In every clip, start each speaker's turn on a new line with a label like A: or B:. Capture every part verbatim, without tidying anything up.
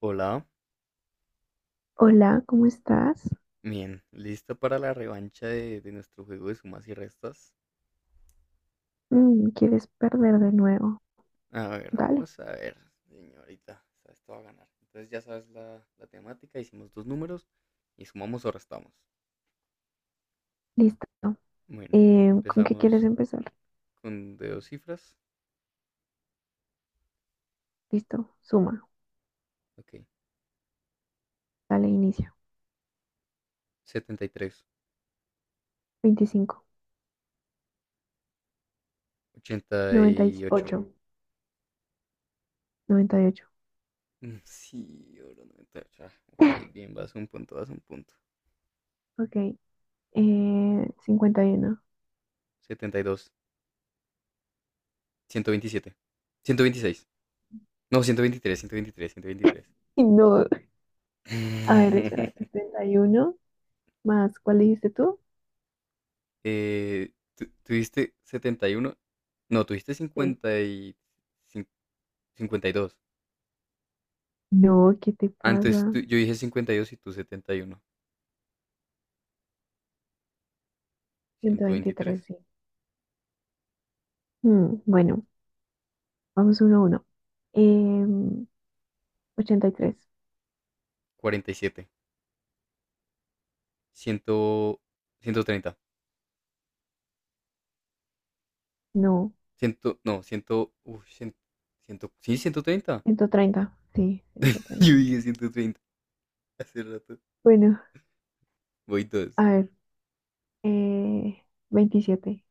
A: Hola,
B: Hola, ¿cómo estás?
A: bien, ¿listo para la revancha de, de nuestro juego de sumas y restas?
B: Mm, ¿quieres perder de nuevo?
A: A ver,
B: Dale,
A: vamos a ver, señorita, o sea, esto va a ganar. Entonces ya sabes la, la temática, hicimos dos números y sumamos o restamos.
B: listo.
A: Bueno,
B: Eh, ¿con qué quieres
A: empezamos
B: empezar?
A: con de dos cifras.
B: Listo, suma.
A: Ok,
B: Dale, inicia.
A: setenta y tres, ochenta y ocho.
B: veinticinco, noventa y ocho, noventa y ocho.
A: Mm, sí, oro noventa y ocho. Ah, ok, bien, vas un punto, vas un punto.
B: Ok, eh, cincuenta y uno.
A: Setenta y dos, ciento veintisiete, ciento veintiséis. No, ciento ciento veintitrés, ciento veintitrés, ciento veintitrés.
B: No, a ver, espera, setenta y uno más, ¿cuál dijiste tú?
A: Eh, tu- tuviste setenta y uno. No, tuviste
B: Sí.
A: cincuenta y cin- cincuenta y dos.
B: No, ¿qué te
A: Antes tú-
B: pasa?
A: yo dije cincuenta y dos y tú setenta y uno.
B: Ciento
A: Ciento veintitrés.
B: veintitrés. sí. Mm, bueno, vamos uno a uno. Em, Ochenta y tres.
A: Cuarenta y siete, cuarenta y siete. Ciento treinta,
B: No.
A: cien. No, cien. uh, cien, cien. Sí, ciento treinta.
B: Ciento treinta, sí, ciento
A: Yo
B: treinta.
A: dije ciento treinta hace rato.
B: Bueno,
A: Voy
B: a
A: dos.
B: ver, eh, veintisiete.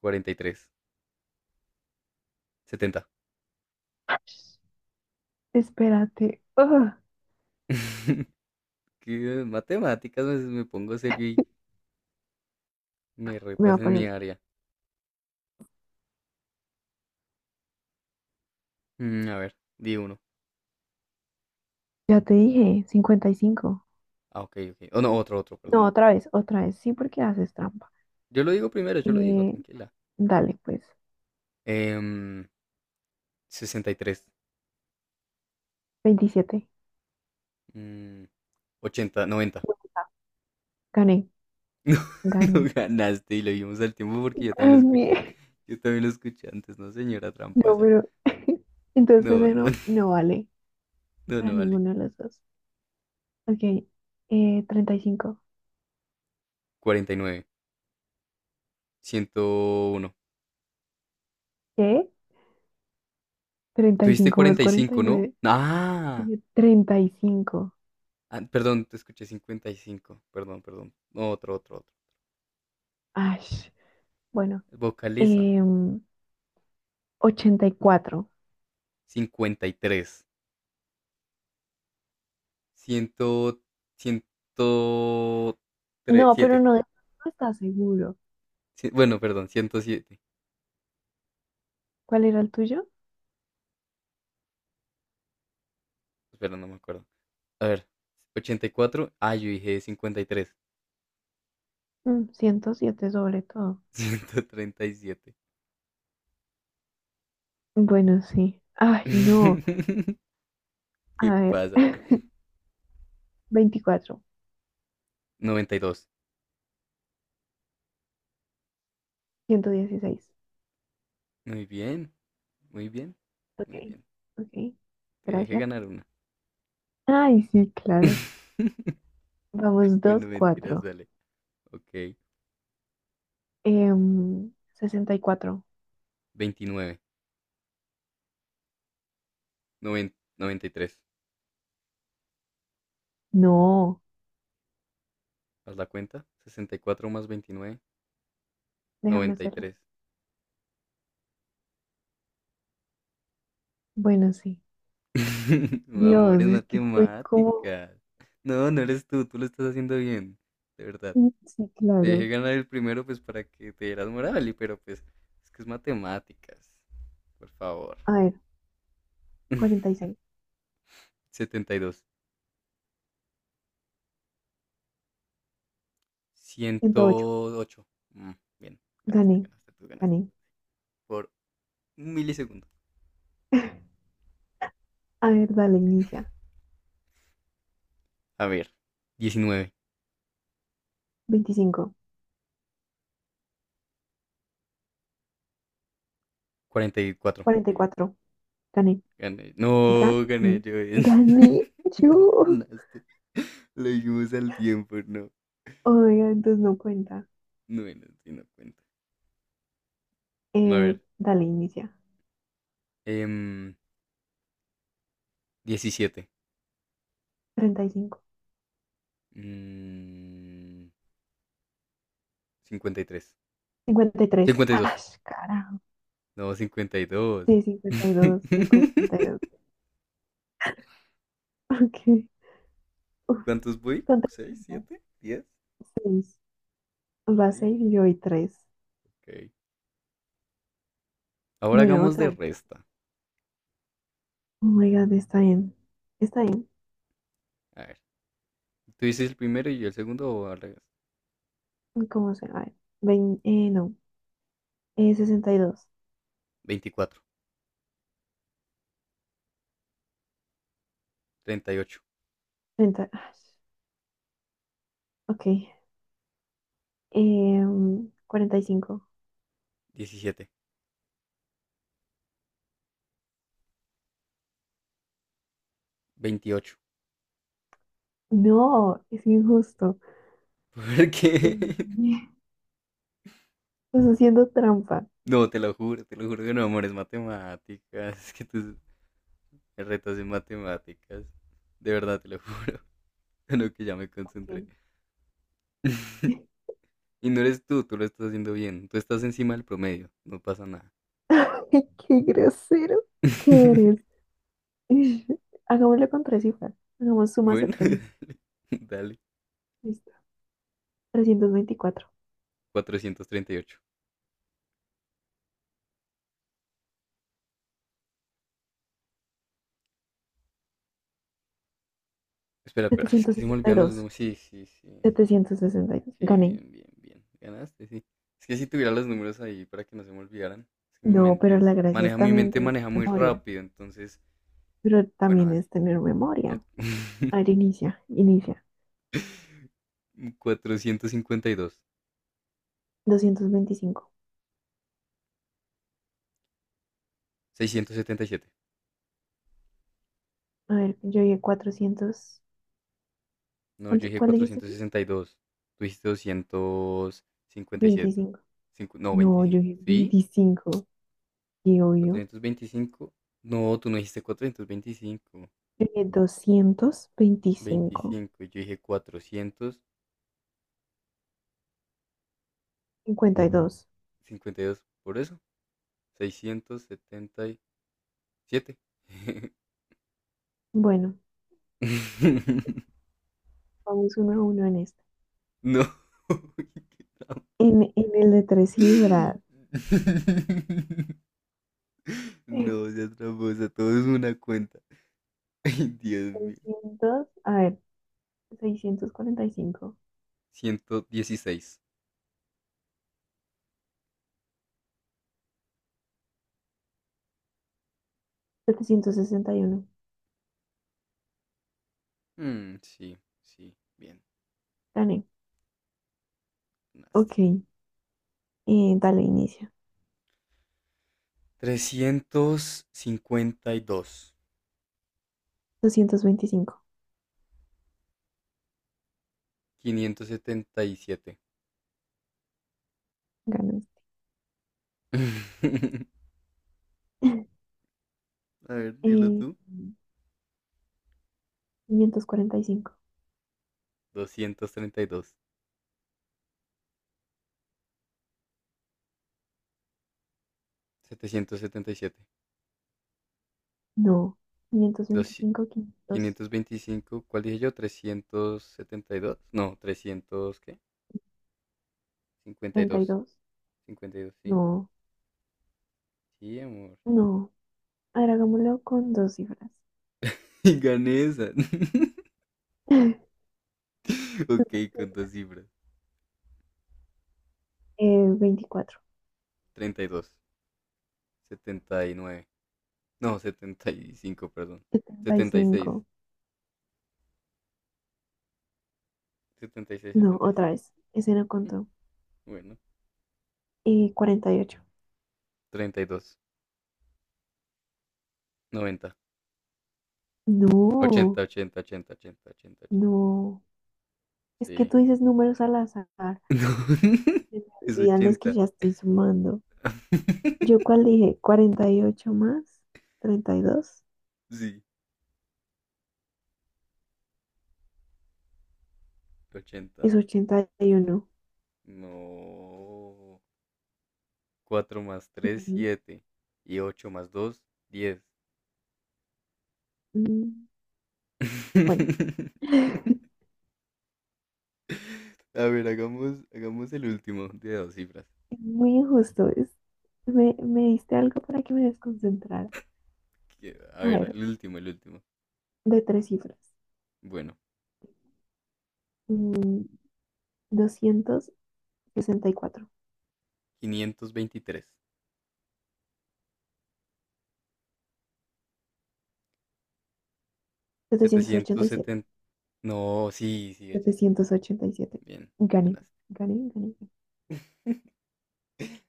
A: Cuarenta y tres, setenta.
B: Espérate. Ugh,
A: ¿Qué? Matemáticas, me, me pongo serio y me
B: me va
A: retas
B: a
A: en mi
B: poner.
A: área. Mm, a ver, di uno.
B: Ya te dije, cincuenta y cinco.
A: Ah, ok, ok. Oh, no, otro, otro,
B: No,
A: perdón.
B: otra vez, otra vez. Sí, porque haces trampa.
A: Yo lo digo primero, yo lo digo,
B: Eh,
A: tranquila.
B: Dale, pues.
A: Em, sesenta y tres,
B: Veintisiete.
A: mm, ochenta, noventa.
B: Gané,
A: No, no
B: gané.
A: ganaste y lo vimos al tiempo porque yo también lo
B: Gané.
A: escuché. Yo también lo escuché antes, ¿no, señora
B: No,
A: tramposa?
B: pero. Entonces
A: No,
B: ese
A: no.
B: no, no vale
A: No,
B: para
A: no vale.
B: ninguno de los dos. Ok, eh, treinta y cinco.
A: cuarenta y nueve, ciento uno.
B: ¿Qué? Treinta y
A: Tuviste
B: cinco más
A: cuarenta y cinco, ¿no?
B: cuarenta y nueve.
A: Ah,
B: Dije treinta y cinco.
A: ah, perdón, te escuché cincuenta y cinco. Perdón, perdón. No, otro, otro, otro.
B: Ash. Bueno,
A: Vocaliza.
B: em, ochenta y cuatro.
A: cincuenta y tres, cien,
B: No, pero
A: ciento siete.
B: no, no está seguro.
A: Sí, bueno, perdón, ciento siete.
B: ¿Cuál era el tuyo?
A: Espera, no me acuerdo. A ver, ochenta y cuatro. Ah, yo dije cincuenta y tres.
B: Mm, ciento siete sobre todo.
A: Ciento treinta y siete.
B: Bueno, sí. Ay, no. A
A: ¿Qué
B: ver.
A: pasa?
B: Veinticuatro.
A: Noventa y dos.
B: Ciento dieciséis.
A: Muy bien, muy bien,
B: Ok,
A: muy bien.
B: ok.
A: Te dejé
B: Gracias.
A: ganar una.
B: Ay, sí, claro. Vamos,
A: Bueno,
B: dos
A: mentiras,
B: cuatro.
A: dale. Ok,
B: Em, sesenta y cuatro.
A: veintinueve. Noven- noventa y tres.
B: No,
A: ¿Haz la cuenta? Sesenta y cuatro más veintinueve.
B: déjame hacerla.
A: noventa y tres.
B: Bueno, sí.
A: No, amor,
B: Dios,
A: es
B: es que estoy como.
A: matemáticas. No, no eres tú, tú lo estás haciendo bien. De verdad.
B: Sí,
A: Te dejé
B: claro.
A: ganar el primero, pues para que te dieras moral, y pero pues es que es matemáticas. Por favor.
B: A ver, cuarenta y seis
A: setenta y dos.
B: Ciento ocho.
A: ciento ocho. Mm, bien, ganaste,
B: Gané,
A: ganaste, tú ganaste.
B: gané.
A: Por un milisegundo.
B: A ver, dale, inicia.
A: A ver, diecinueve.
B: Veinticinco,
A: cuarenta y cuatro.
B: cuarenta y cuatro. Gané,
A: Gané.
B: gané,
A: No, gané yo.
B: gané
A: No
B: yo.
A: ganaste. Lo dijimos al tiempo, no.
B: Oiga, entonces no cuenta.
A: No, no, sí, no cuenta. A
B: Eh,
A: ver,
B: dale, inicia.
A: em, diecisiete.
B: Treinta y cinco,
A: Mm, cincuenta y tres.
B: cincuenta y tres.
A: Cincuenta y
B: ¡Ah,
A: dos.
B: carajo!
A: No, cincuenta y dos.
B: Sí, cincuenta y dos, cincuenta y dos. Ok. Uf,
A: ¿Cuántos voy?
B: son tres
A: Seis,
B: rondas.
A: siete, diez,
B: Seis. Vas
A: seis.
B: seis y yo voy tres.
A: Ok. Ahora
B: Bueno,
A: hagamos
B: otra
A: de
B: vez.
A: resta.
B: Oh my God, está bien. Está bien.
A: A ver, tú dices el primero y yo el segundo o al revés.
B: ¿Cómo se? A ver. Vein- eh, no. Eh, sesenta y dos,
A: veinticuatro, treinta y ocho,
B: treinta. Ah, ok. Em, cuarenta y cinco.
A: diecisiete, veintiocho.
B: No, es injusto.
A: ¿Por qué?
B: Em, Estás haciendo trampa.
A: No, te lo juro, te lo juro que no, amor, es matemáticas. Es que tus retos en matemáticas. De verdad, te lo juro. Lo que ya me concentré.
B: Ok.
A: Y no eres tú, tú lo estás haciendo bien. Tú estás encima del promedio. No pasa nada.
B: Qué grosero que eres. Hagámoslo con tres cifras. Hagamos sumas de
A: Bueno.
B: tres cifras.
A: Dale.
B: Listo. Trescientos veinticuatro,
A: Cuatrocientos treinta y ocho. Espera, espera, es
B: setecientos
A: que se me
B: sesenta y
A: olvidan los
B: dos
A: números. Sí, sí, sí, sí.
B: Setecientos sesenta y dos.
A: Sí,
B: Gané.
A: bien, bien, bien. Ganaste, sí. Es que si tuviera los números ahí para que no se me olvidaran. Es que mi
B: No,
A: mente
B: pero
A: es.
B: la gracia es
A: Maneja, mi
B: también
A: mente
B: tener
A: maneja muy
B: memoria.
A: rápido, entonces.
B: Pero
A: Bueno,
B: también
A: dale.
B: es tener
A: Ok.
B: memoria. A ver, inicia, inicia.
A: Cuatrocientos cincuenta y dos.
B: Doscientos veinticinco.
A: Seiscientos setenta y siete.
B: A ver, yo llegué cuatrocientos.
A: No,
B: ¿Cuánto-
A: yo dije
B: ¿Cuál dijiste
A: cuatrocientos
B: tú?
A: sesenta y dos. Tú dijiste doscientos cincuenta y siete.
B: Veinticinco.
A: Cincu- no,
B: No, yo
A: veinticinco.
B: dije
A: ¿Sí?
B: veinticinco. Y obvio.
A: Cuatrocientos veinticinco. No, tú no dijiste cuatrocientos veinticinco.
B: Yo dije doscientos veinticinco.
A: Veinticinco, veinticinco. Y yo dije cuatrocientos
B: Cincuenta y dos.
A: cincuenta y dos Por eso, seiscientos setenta y siete.
B: Bueno, vamos uno a uno en este.
A: No. Qué trampa.
B: En, en el de tres cifras. eh,
A: No, ya tramposa. Todo es una cuenta. Ay, Dios mío.
B: Seiscientos. A ver,
A: Ciento dieciséis.
B: seiscientos cuarenta y cinco.
A: Mm, sí, sí. Bien.
B: setecientos sesenta y uno. Gané. Ok. Eh, dale, inicia.
A: Trescientos cincuenta y dos.
B: Doscientos veinticinco.
A: Quinientos setenta y siete.
B: Ganas.
A: A ver, dilo
B: Eh,
A: tú.
B: Quinientos cuarenta y cinco.
A: Doscientos treinta y dos- Setecientos setenta y siete,
B: No. quinientos quinientos
A: dos.
B: veinticinco, quinientos
A: Quinientos veinticinco. ¿Cuál dije yo? Trescientos setenta y dos. No, trescientos, ¿qué? Cincuenta cincuenta y
B: treinta y
A: dos,
B: dos.
A: cincuenta y dos. Sí,
B: No.
A: sí, amor.
B: No. A ver, hagámoslo con dos cifras.
A: Y gané esa.
B: Entonces,
A: Ok, con dos cifras.
B: Eh, veinticuatro,
A: Treinta y dos, setenta y nueve. No, setenta y cinco. Perdón.
B: setenta y
A: Setenta setenta y y seis,
B: cinco.
A: setenta y seis,
B: No,
A: setenta y
B: otra
A: seis.
B: vez. Ese no contó.
A: Bueno,
B: Eh, cuarenta y ocho.
A: treinta y dos, noventa, ochenta,
B: No,
A: ochenta, ochenta, ochenta, ochenta, ochenta. Ochenta,
B: no. Es que
A: sí.
B: tú dices números al azar.
A: No,
B: Se me
A: es
B: olvidan los que
A: ochenta.
B: ya estoy sumando. Yo cuál dije, cuarenta y ocho más treinta y dos
A: Sí,
B: es
A: ochenta.
B: ochenta y uno.
A: No. Cuatro más tres,
B: Claro.
A: siete. Y ocho más dos, diez.
B: Mm, bueno,
A: A ver, hagamos, hagamos el último de dos cifras.
B: es muy injusto. Es, me, me diste algo para que me desconcentrara.
A: Que- A
B: A
A: ver,
B: ver,
A: el último, el último.
B: de tres cifras.
A: Bueno,
B: mm, Doscientos sesenta y cuatro,
A: quinientos veintitrés,
B: setecientos ochenta
A: setecientos
B: y siete
A: 770. No, sí, sí, ochenta.
B: setecientos
A: Bien,
B: ochenta y siete.
A: bien,
B: Gané,
A: ganaste.
B: gané. Gané.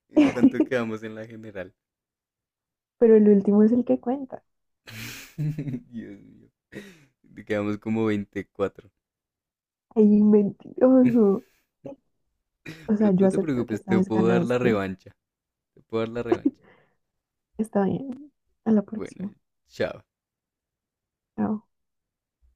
A: ¿En cuánto quedamos en la general?
B: Pero el último es el que cuenta.
A: Dios mío. Te quedamos como veinticuatro.
B: ¡Ay, mentiroso! O sea,
A: Pero tú
B: yo
A: no te
B: acepto que
A: preocupes,
B: esta
A: te
B: vez
A: puedo dar la
B: ganaste.
A: revancha. Te puedo dar la revancha.
B: Está bien. A la
A: Bueno,
B: próxima.
A: chao.
B: Chao.